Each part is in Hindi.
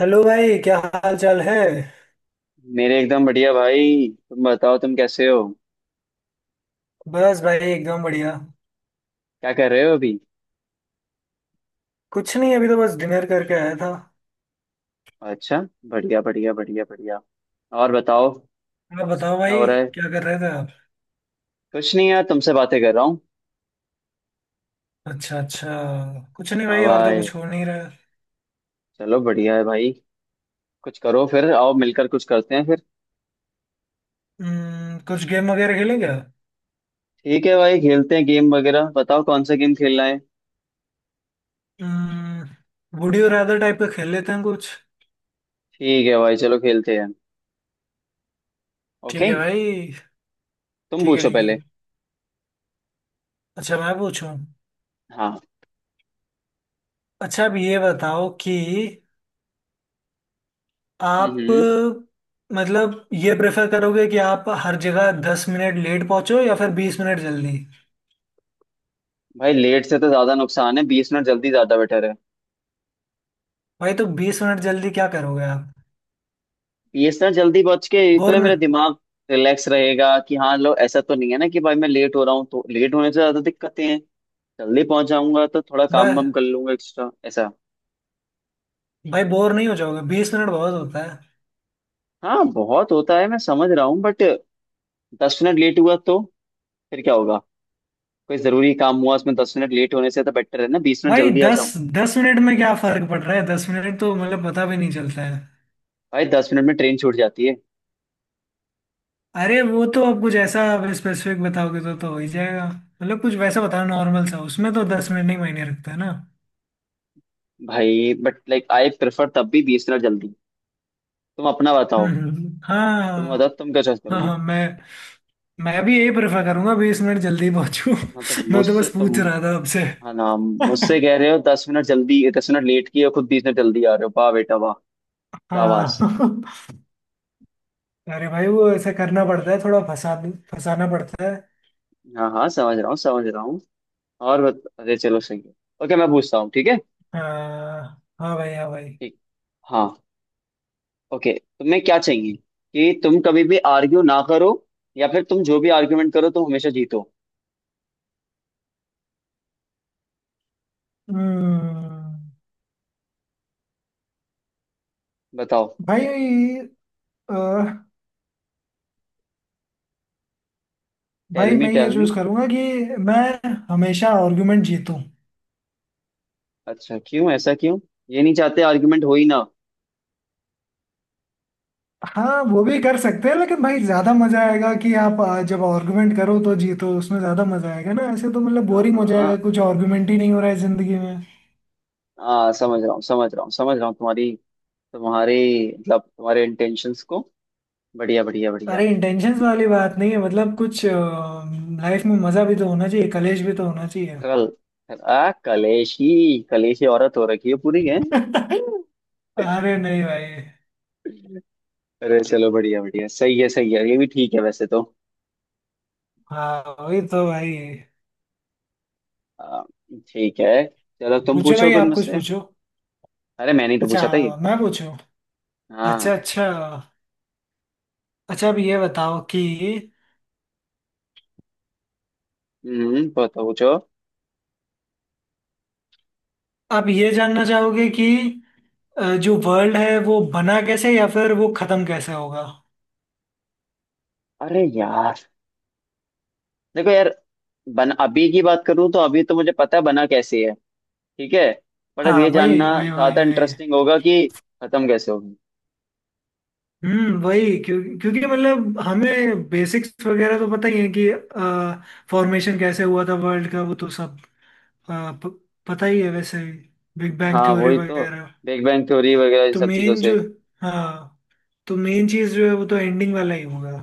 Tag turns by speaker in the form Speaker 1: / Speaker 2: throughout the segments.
Speaker 1: हेलो भाई, क्या हाल चाल है।
Speaker 2: मेरे एकदम बढ़िया भाई। तुम बताओ तुम कैसे हो?
Speaker 1: बस भाई, एकदम बढ़िया।
Speaker 2: क्या कर रहे हो अभी?
Speaker 1: कुछ नहीं, अभी तो बस डिनर करके आया था।
Speaker 2: अच्छा। बढ़िया बढ़िया बढ़िया बढ़िया। और बताओ।
Speaker 1: आप बताओ
Speaker 2: क्या हो
Speaker 1: भाई।
Speaker 2: रहा है?
Speaker 1: क्या कर रहे थे आप?
Speaker 2: कुछ नहीं यार तुमसे बातें कर रहा हूँ।
Speaker 1: अच्छा अच्छा, कुछ नहीं
Speaker 2: हाँ
Speaker 1: भाई, और तो
Speaker 2: भाई।
Speaker 1: कुछ हो नहीं रहा है।
Speaker 2: चलो बढ़िया है भाई। कुछ करो फिर आओ मिलकर कुछ करते हैं फिर।
Speaker 1: कुछ गेम वगैरह खेलें क्या?
Speaker 2: ठीक है भाई खेलते हैं गेम वगैरह। बताओ कौन सा गेम खेलना है?
Speaker 1: वुड यू रादर टाइप का खेल लेते हैं कुछ।
Speaker 2: ठीक है भाई चलो खेलते हैं।
Speaker 1: ठीक
Speaker 2: ओके
Speaker 1: है भाई।
Speaker 2: तुम
Speaker 1: ठीक है,
Speaker 2: पूछो
Speaker 1: ठीक है।
Speaker 2: पहले।
Speaker 1: अच्छा मैं पूछूं।
Speaker 2: हाँ।
Speaker 1: अच्छा अब ये बताओ कि आप,
Speaker 2: हम्म
Speaker 1: मतलब ये प्रेफर करोगे कि आप हर जगह दस मिनट लेट पहुंचो या फिर बीस मिनट जल्दी?
Speaker 2: भाई लेट से तो ज्यादा नुकसान है, 20 मिनट जल्दी ज्यादा बेटर है।
Speaker 1: भाई तो बीस मिनट जल्दी क्या करोगे आप?
Speaker 2: ये सर जल्दी बच के ये तो
Speaker 1: बोर
Speaker 2: है
Speaker 1: न
Speaker 2: मेरा दिमाग। रिलैक्स रहेगा कि हाँ लो, ऐसा तो नहीं है ना कि भाई मैं लेट हो रहा हूँ, तो लेट होने से ज्यादा दिक्कतें हैं। जल्दी पहुंच जाऊंगा तो थोड़ा काम
Speaker 1: भाई?
Speaker 2: वाम कर लूंगा एक्स्ट्रा ऐसा।
Speaker 1: भाई बोर नहीं हो जाओगे? बीस मिनट बहुत होता है।
Speaker 2: हाँ बहुत होता है, मैं समझ रहा हूँ बट 10 मिनट लेट हुआ तो फिर क्या होगा? कोई जरूरी काम हुआ उसमें 10 मिनट लेट होने से तो बेटर है ना 20 मिनट
Speaker 1: भाई
Speaker 2: जल्दी आ जाऊं।
Speaker 1: दस, दस मिनट में क्या फर्क पड़ रहा है? दस मिनट तो मतलब पता भी नहीं चलता है।
Speaker 2: भाई 10 मिनट में ट्रेन छूट जाती है।
Speaker 1: अरे वो तो आप कुछ ऐसा स्पेसिफिक बताओगे तो हो ही जाएगा। मतलब कुछ वैसा बताओ नॉर्मल सा, उसमें तो दस मिनट नहीं मायने रखता है ना।
Speaker 2: भाई बट लाइक आई प्रेफर तब भी 20 मिनट जल्दी। तुम अपना
Speaker 1: हम्म,
Speaker 2: बताओ। तुम बताओ
Speaker 1: हाँ।
Speaker 2: तुम क्या चॉइस
Speaker 1: हाँ
Speaker 2: करोगे?
Speaker 1: हाँ, मैं भी यही प्रेफर करूंगा बीस मिनट जल्दी पहुंचूं।
Speaker 2: हाँ तो
Speaker 1: मैं तो
Speaker 2: मुझसे
Speaker 1: बस
Speaker 2: तो,
Speaker 1: पूछ रहा था आपसे।
Speaker 2: हाँ ना मुझसे कह रहे हो 10 मिनट जल्दी 10 मिनट लेट किए और खुद 20 मिनट जल्दी आ रहे हो। वाह बेटा वाह। शाबाश।
Speaker 1: हाँ। अरे भाई वो ऐसा करना पड़ता है, थोड़ा फंसा, फंसाना पड़ता है।
Speaker 2: हाँ हाँ समझ रहा हूँ समझ रहा हूँ। अरे चलो सही है। ओके मैं पूछता हूँ ठीक है।
Speaker 1: हाँ। हाँ भाई, हाँ भाई।
Speaker 2: ठीक। हाँ। ओके तुम्हें क्या चाहिए कि तुम कभी भी आर्ग्यू ना करो, या फिर तुम जो भी आर्ग्यूमेंट करो तुम हमेशा जीतो?
Speaker 1: हम्म।
Speaker 2: बताओ।
Speaker 1: भाई अ, भाई
Speaker 2: टेल मी
Speaker 1: मैं ये
Speaker 2: टेल मी।
Speaker 1: चूज करूंगा कि मैं हमेशा आर्गुमेंट जीतूं।
Speaker 2: अच्छा क्यों, ऐसा क्यों? ये नहीं चाहते आर्ग्यूमेंट हो ही ना?
Speaker 1: हाँ, वो भी कर सकते हैं लेकिन भाई ज्यादा मजा आएगा कि आप जब आर्गुमेंट करो तो जीतो, उसमें ज्यादा मजा आएगा ना। ऐसे तो मतलब
Speaker 2: हाँ
Speaker 1: बोरिंग हो
Speaker 2: हाँ।
Speaker 1: जाएगा, कुछ आर्गुमेंट ही नहीं हो रहा है जिंदगी में।
Speaker 2: हाँ समझ रहा हूँ समझ रहा हूँ समझ रहा हूँ तुम्हारी तुम्हारे मतलब तुम्हारे इंटेंशंस को। बढ़िया बढ़िया बढ़िया।
Speaker 1: अरे इंटेंशंस वाली बात नहीं है, मतलब कुछ लाइफ में मजा भी तो होना चाहिए, कलेश भी तो होना
Speaker 2: कल आ कलेशी, कलेशी औरत हो रखी है पूरी है।
Speaker 1: चाहिए। अरे नहीं भाई।
Speaker 2: अरे चलो बढ़िया बढ़िया सही है ये भी ठीक है वैसे तो।
Speaker 1: हाँ वही तो भाई।
Speaker 2: आ, ठीक है। चलो तुम
Speaker 1: पूछो
Speaker 2: पूछो
Speaker 1: भाई,
Speaker 2: कुछ
Speaker 1: आप कुछ
Speaker 2: मुझसे।
Speaker 1: पूछो।
Speaker 2: अरे मैंने ही तो
Speaker 1: अच्छा,
Speaker 2: पूछा था ये।
Speaker 1: मैं पूछूं। अच्छा
Speaker 2: हाँ।
Speaker 1: अच्छा। अच्छा अब ये बताओ कि
Speaker 2: पूछो पूछो।
Speaker 1: आप ये जानना चाहोगे कि जो वर्ल्ड है वो बना कैसे या फिर वो खत्म कैसे होगा?
Speaker 2: अरे यार, देखो यार, बन अभी की बात करूँ तो अभी तो मुझे पता है बना कैसे है। ठीक है। पर अब
Speaker 1: हाँ,
Speaker 2: ये
Speaker 1: वही
Speaker 2: जानना
Speaker 1: वही वही
Speaker 2: ज्यादा
Speaker 1: वही।
Speaker 2: इंटरेस्टिंग होगा कि खत्म कैसे होगी।
Speaker 1: वही क्यों? क्योंकि मतलब हमें बेसिक्स वगैरह तो पता ही है कि फॉर्मेशन कैसे हुआ था, वर्ल्ड का वो तो सब अ, प, पता ही है वैसे। बिग बैंग
Speaker 2: हाँ
Speaker 1: थ्योरी
Speaker 2: वही तो।
Speaker 1: वगैरह।
Speaker 2: बिग बैंग थ्योरी वगैरह इन
Speaker 1: तो
Speaker 2: सब चीजों
Speaker 1: मेन जो,
Speaker 2: से।
Speaker 1: हाँ तो मेन चीज जो है वो तो एंडिंग वाला ही होगा।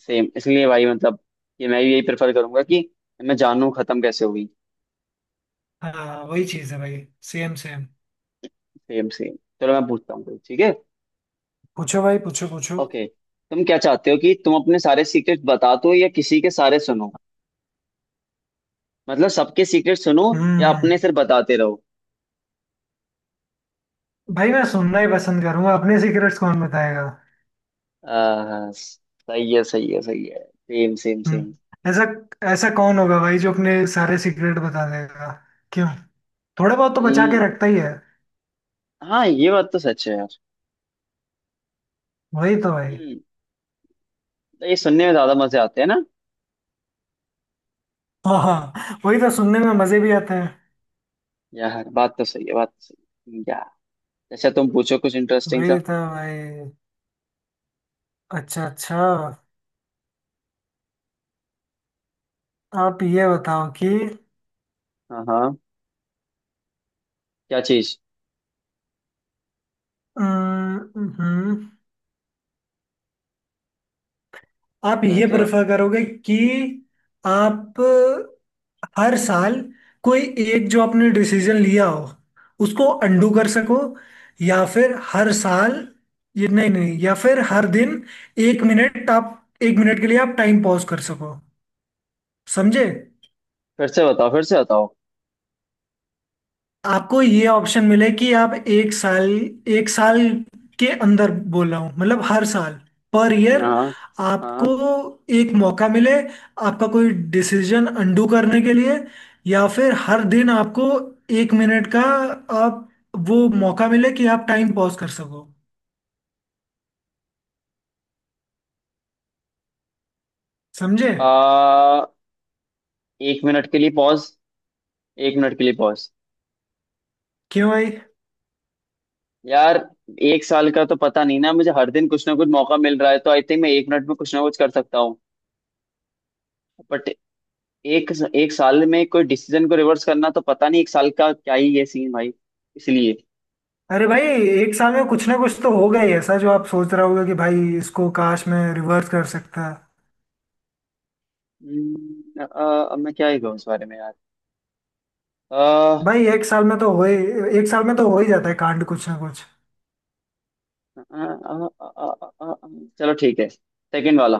Speaker 2: सेम इसलिए भाई मतलब कि मैं भी यही प्रेफर करूंगा कि मैं जानूं खत्म कैसे हुई।
Speaker 1: हाँ वही चीज है भाई। Same same.
Speaker 2: Same same. चलो मैं पूछता हूँ कोई, ठीक है।
Speaker 1: पूछो भाई, पूछो पूछो।
Speaker 2: ओके तुम क्या चाहते हो कि तुम अपने सारे सीक्रेट बता दो या किसी के सारे सुनो? मतलब सबके सीक्रेट सुनो, या
Speaker 1: हम्म
Speaker 2: अपने सिर्फ बताते रहो?
Speaker 1: भाई मैं सुनना ही पसंद करूंगा, अपने सीक्रेट्स कौन बताएगा।
Speaker 2: सही है सही है सही है। Same same same.
Speaker 1: ऐसा, ऐसा कौन होगा भाई जो अपने सारे सीक्रेट बता देगा? क्यों? थोड़े बहुत तो बचा
Speaker 2: हम्म,
Speaker 1: के रखता ही है।
Speaker 2: हाँ ये बात तो सच है यार।
Speaker 1: वही तो भाई।
Speaker 2: हम्म, तो ये सुनने में ज्यादा मजे आते हैं ना।
Speaker 1: हाँ हाँ, वही तो, सुनने में मजे भी आते हैं।
Speaker 2: यार बात तो सही है बात तो सही है यार। अच्छा तुम पूछो कुछ इंटरेस्टिंग सा।
Speaker 1: वही तो भाई। अच्छा अच्छा, आप ये बताओ कि
Speaker 2: हाँ हाँ। क्या चीज?
Speaker 1: हम्म, हम्म, आप
Speaker 2: क्या
Speaker 1: ये
Speaker 2: क्या?
Speaker 1: प्रेफर करोगे कि आप हर साल कोई एक जो आपने डिसीजन लिया हो उसको अंडू कर सको, या फिर हर साल, ये नहीं नहीं, या फिर हर दिन एक मिनट आप, एक मिनट के लिए आप टाइम पॉज कर सको, समझे?
Speaker 2: फिर से बताओ फिर से बताओ।
Speaker 1: आपको ये ऑप्शन मिले कि आप एक साल के अंदर बोल रहा हूँ मतलब हर साल, पर ईयर,
Speaker 2: हाँ।
Speaker 1: आपको
Speaker 2: हाँ।
Speaker 1: एक मौका मिले आपका कोई डिसीजन अंडू करने के लिए, या फिर हर दिन आपको एक मिनट का, आप वो मौका मिले कि आप टाइम पॉज कर सको, समझे?
Speaker 2: आ, 1 मिनट के लिए पॉज, 1 मिनट के लिए पॉज।
Speaker 1: क्यों भाई?
Speaker 2: यार 1 साल का तो पता नहीं, ना मुझे हर दिन कुछ ना कुछ मौका मिल रहा है तो आई थिंक मैं 1 मिनट में कुछ ना कुछ कर सकता हूँ। बट एक एक साल में कोई डिसीजन को रिवर्स करना तो पता नहीं, 1 साल का क्या ही ये सीन भाई। इसलिए।
Speaker 1: अरे भाई एक साल में कुछ ना कुछ तो होगा ही ऐसा जो आप सोच रहा होगा कि भाई इसको काश मैं रिवर्स कर सकता।
Speaker 2: अब मैं क्या ही कहूँ इस बारे में यार। आ, आ,
Speaker 1: भाई एक साल में तो हो ही जाता है कांड, कुछ ना कुछ।
Speaker 2: आ, आ, आ, आ, आ, चलो ठीक है, सेकंड वाला,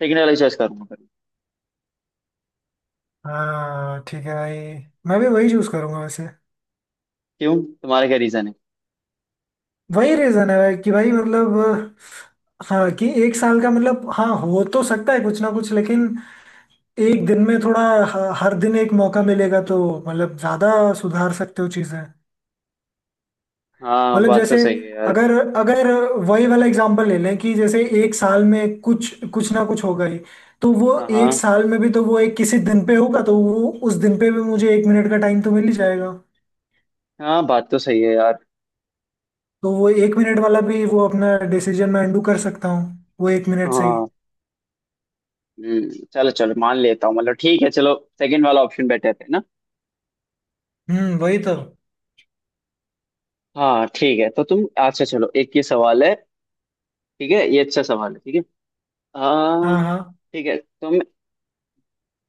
Speaker 2: सेकंड वाला चॉइस करूंगा फिर।
Speaker 1: हाँ ठीक है भाई, मैं भी वही चूज करूंगा वैसे।
Speaker 2: क्यों? तुम्हारा क्या रीजन है?
Speaker 1: वही रीजन है भाई कि भाई मतलब, हाँ कि एक साल का मतलब हाँ हो तो सकता है कुछ ना कुछ, लेकिन एक दिन में थोड़ा, हर दिन एक मौका मिलेगा तो मतलब ज्यादा सुधार सकते हो चीजें।
Speaker 2: हाँ
Speaker 1: मतलब
Speaker 2: बात तो
Speaker 1: जैसे,
Speaker 2: सही है यार।
Speaker 1: अगर अगर वही वाला एग्जांपल ले लें कि जैसे एक साल में कुछ कुछ ना कुछ होगा ही, तो वो
Speaker 2: हाँ
Speaker 1: एक
Speaker 2: हाँ।
Speaker 1: साल में भी तो वो एक किसी दिन पे होगा, तो वो उस दिन पे भी मुझे एक मिनट का टाइम तो मिल ही जाएगा।
Speaker 2: हाँ बात तो सही है यार।
Speaker 1: तो वो एक मिनट वाला भी, वो अपना डिसीजन मैं अंडू कर सकता हूँ वो एक मिनट से ही।
Speaker 2: हाँ। चलो चलो मान लेता हूँ, मतलब ठीक है, चलो सेकंड वाला ऑप्शन बेटर है ना।
Speaker 1: वही तो।
Speaker 2: हाँ ठीक है तो तुम, अच्छा चलो एक ये सवाल है। ठीक है ये अच्छा सवाल है ठीक है।
Speaker 1: हाँ
Speaker 2: हाँ।
Speaker 1: हाँ
Speaker 2: ठीक है तुम,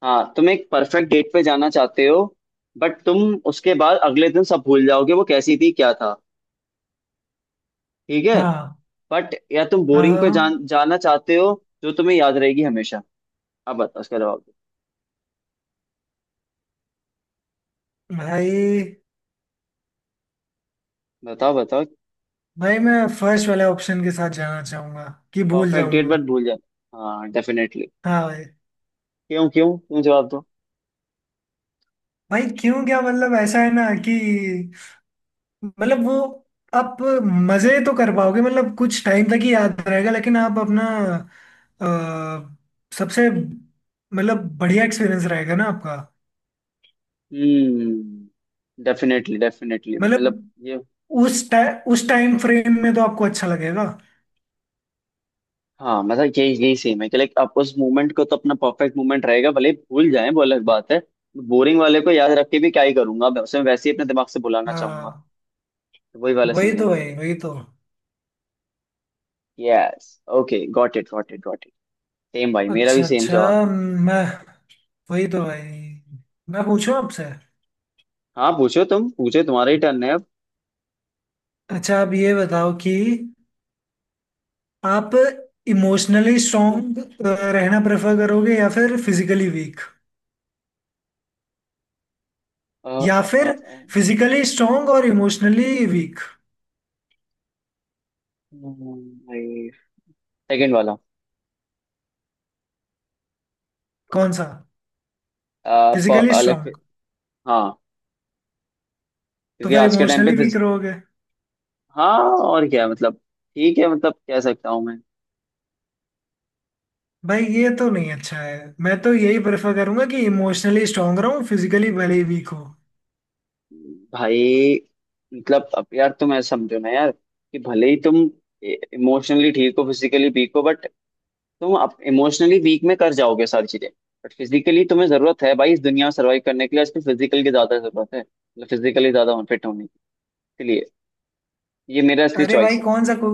Speaker 2: हाँ तुम एक परफेक्ट डेट पे जाना चाहते हो, बट तुम उसके बाद अगले दिन सब भूल जाओगे वो कैसी थी क्या था, ठीक है,
Speaker 1: हाँ
Speaker 2: बट या तुम
Speaker 1: हाँ। हाँ
Speaker 2: जाना चाहते हो जो तुम्हें याद रहेगी हमेशा। अब बताओ उसका जवाब दो।
Speaker 1: भाई।
Speaker 2: बताओ बताओ।
Speaker 1: भाई मैं फर्स्ट वाले ऑप्शन के साथ जाना चाहूंगा, कि भूल
Speaker 2: परफेक्ट डेट
Speaker 1: जाऊंगा।
Speaker 2: बट भूल जाते हैं। हाँ डेफिनेटली।
Speaker 1: हाँ भाई।
Speaker 2: क्यों क्यों क्यों जवाब दो।
Speaker 1: भाई क्यों, क्या मतलब ऐसा है ना कि, मतलब वो, आप मजे तो कर पाओगे, मतलब कुछ टाइम तक ही याद रहेगा, लेकिन आप अपना सबसे मतलब बढ़िया एक्सपीरियंस रहेगा ना आपका।
Speaker 2: डेफिनेटली डेफिनेटली, मतलब
Speaker 1: मतलब
Speaker 2: ये,
Speaker 1: उस टाइ उस टाइम फ्रेम में तो आपको अच्छा लगेगा।
Speaker 2: हाँ मतलब यही यही सेम है कि लाइक आप उस मोमेंट को तो अपना परफेक्ट मोमेंट रहेगा, भले ही भूल जाए वो अलग बात है। बोरिंग वाले को याद रख के भी क्या ही करूंगा, मैं उसे वैसे ही अपने दिमाग से भुलाना चाहूंगा।
Speaker 1: हाँ
Speaker 2: तो वही वाला
Speaker 1: वही
Speaker 2: सीन है।
Speaker 1: तो भाई, वही तो।
Speaker 2: Yes. Okay got it got it got it. Same भाई मेरा भी
Speaker 1: अच्छा
Speaker 2: सेम
Speaker 1: अच्छा,
Speaker 2: जवाब है।
Speaker 1: मैं, वही तो भाई। मैं पूछूं आपसे।
Speaker 2: हाँ पूछो तुम पूछो, तुम्हारा ही टर्न है अब।
Speaker 1: अच्छा आप ये बताओ कि आप इमोशनली स्ट्रांग रहना प्रेफर करोगे या फिर फिजिकली वीक,
Speaker 2: अ,
Speaker 1: या
Speaker 2: अ, अ,
Speaker 1: फिर
Speaker 2: अ,
Speaker 1: फिजिकली स्ट्रांग और इमोशनली वीक?
Speaker 2: भाई सेकंड वाला।
Speaker 1: कौन सा? फिजिकली
Speaker 2: अलग।
Speaker 1: स्ट्रांग
Speaker 2: हाँ,
Speaker 1: तो
Speaker 2: क्योंकि
Speaker 1: फिर
Speaker 2: आज के टाइम पे
Speaker 1: इमोशनली वीक
Speaker 2: फिज
Speaker 1: रहोगे?
Speaker 2: हाँ और क्या मतलब, ठीक है मतलब कह सकता हूँ मैं।
Speaker 1: भाई ये तो नहीं अच्छा है, मैं तो यही प्रेफर करूंगा कि इमोशनली स्ट्रांग रहूं, फिजिकली भले ही वीक हो।
Speaker 2: भाई मतलब अब यार तुम ऐसा समझो ना यार, कि भले ही तुम इमोशनली ठीक हो फिजिकली वीक हो, बट तुम अब इमोशनली वीक में कर जाओगे सारी चीजें, बट फिजिकली तुम्हें जरूरत है भाई इस दुनिया में सर्वाइव करने के लिए, आजकल फिजिकल की ज्यादा जरूरत है, मतलब फिजिकली ज्यादा फिट होने की। इसलिए ये मेरा असली
Speaker 1: अरे भाई
Speaker 2: चॉइस है।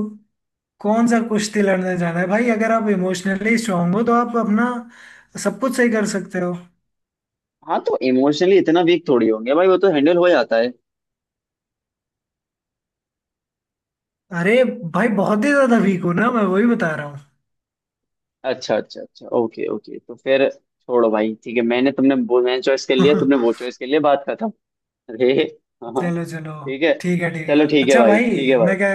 Speaker 1: कौन सा कुश्ती लड़ने जाना है भाई, अगर आप इमोशनली स्ट्रांग हो तो आप अपना सब कुछ सही कर सकते हो।
Speaker 2: हाँ तो इमोशनली इतना वीक थोड़ी होंगे भाई, वो तो हैंडल हो जाता है।
Speaker 1: अरे भाई बहुत ही ज्यादा वीक हो ना, मैं वही बता रहा हूँ।
Speaker 2: अच्छा अच्छा अच्छा, ओके ओके, तो फिर छोड़ो भाई ठीक है, मैंने तुमने वो मैंने चॉइस कर लिया तुमने वो चॉइस कर लिया, बात खत्म। अरे। हाँ हाँ,
Speaker 1: चलो चलो।
Speaker 2: ठीक है।
Speaker 1: ठीक है ठीक
Speaker 2: चलो
Speaker 1: है,
Speaker 2: ठीक है
Speaker 1: अच्छा
Speaker 2: भाई
Speaker 1: भाई।
Speaker 2: ठीक है भाई।
Speaker 1: मैं क्या,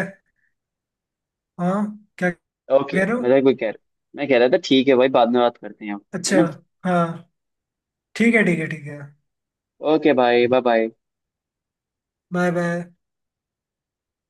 Speaker 1: हाँ, क्या
Speaker 2: ओके
Speaker 1: कह रहे हो?
Speaker 2: मजाक भी कह रहा। मैं कह रहा था ठीक है भाई, बाद में बात करते हैं हम, है
Speaker 1: अच्छा।
Speaker 2: ना।
Speaker 1: हाँ। ठीक है ठीक है ठीक है।
Speaker 2: ओके भाई बाय बाय।
Speaker 1: Bye bye.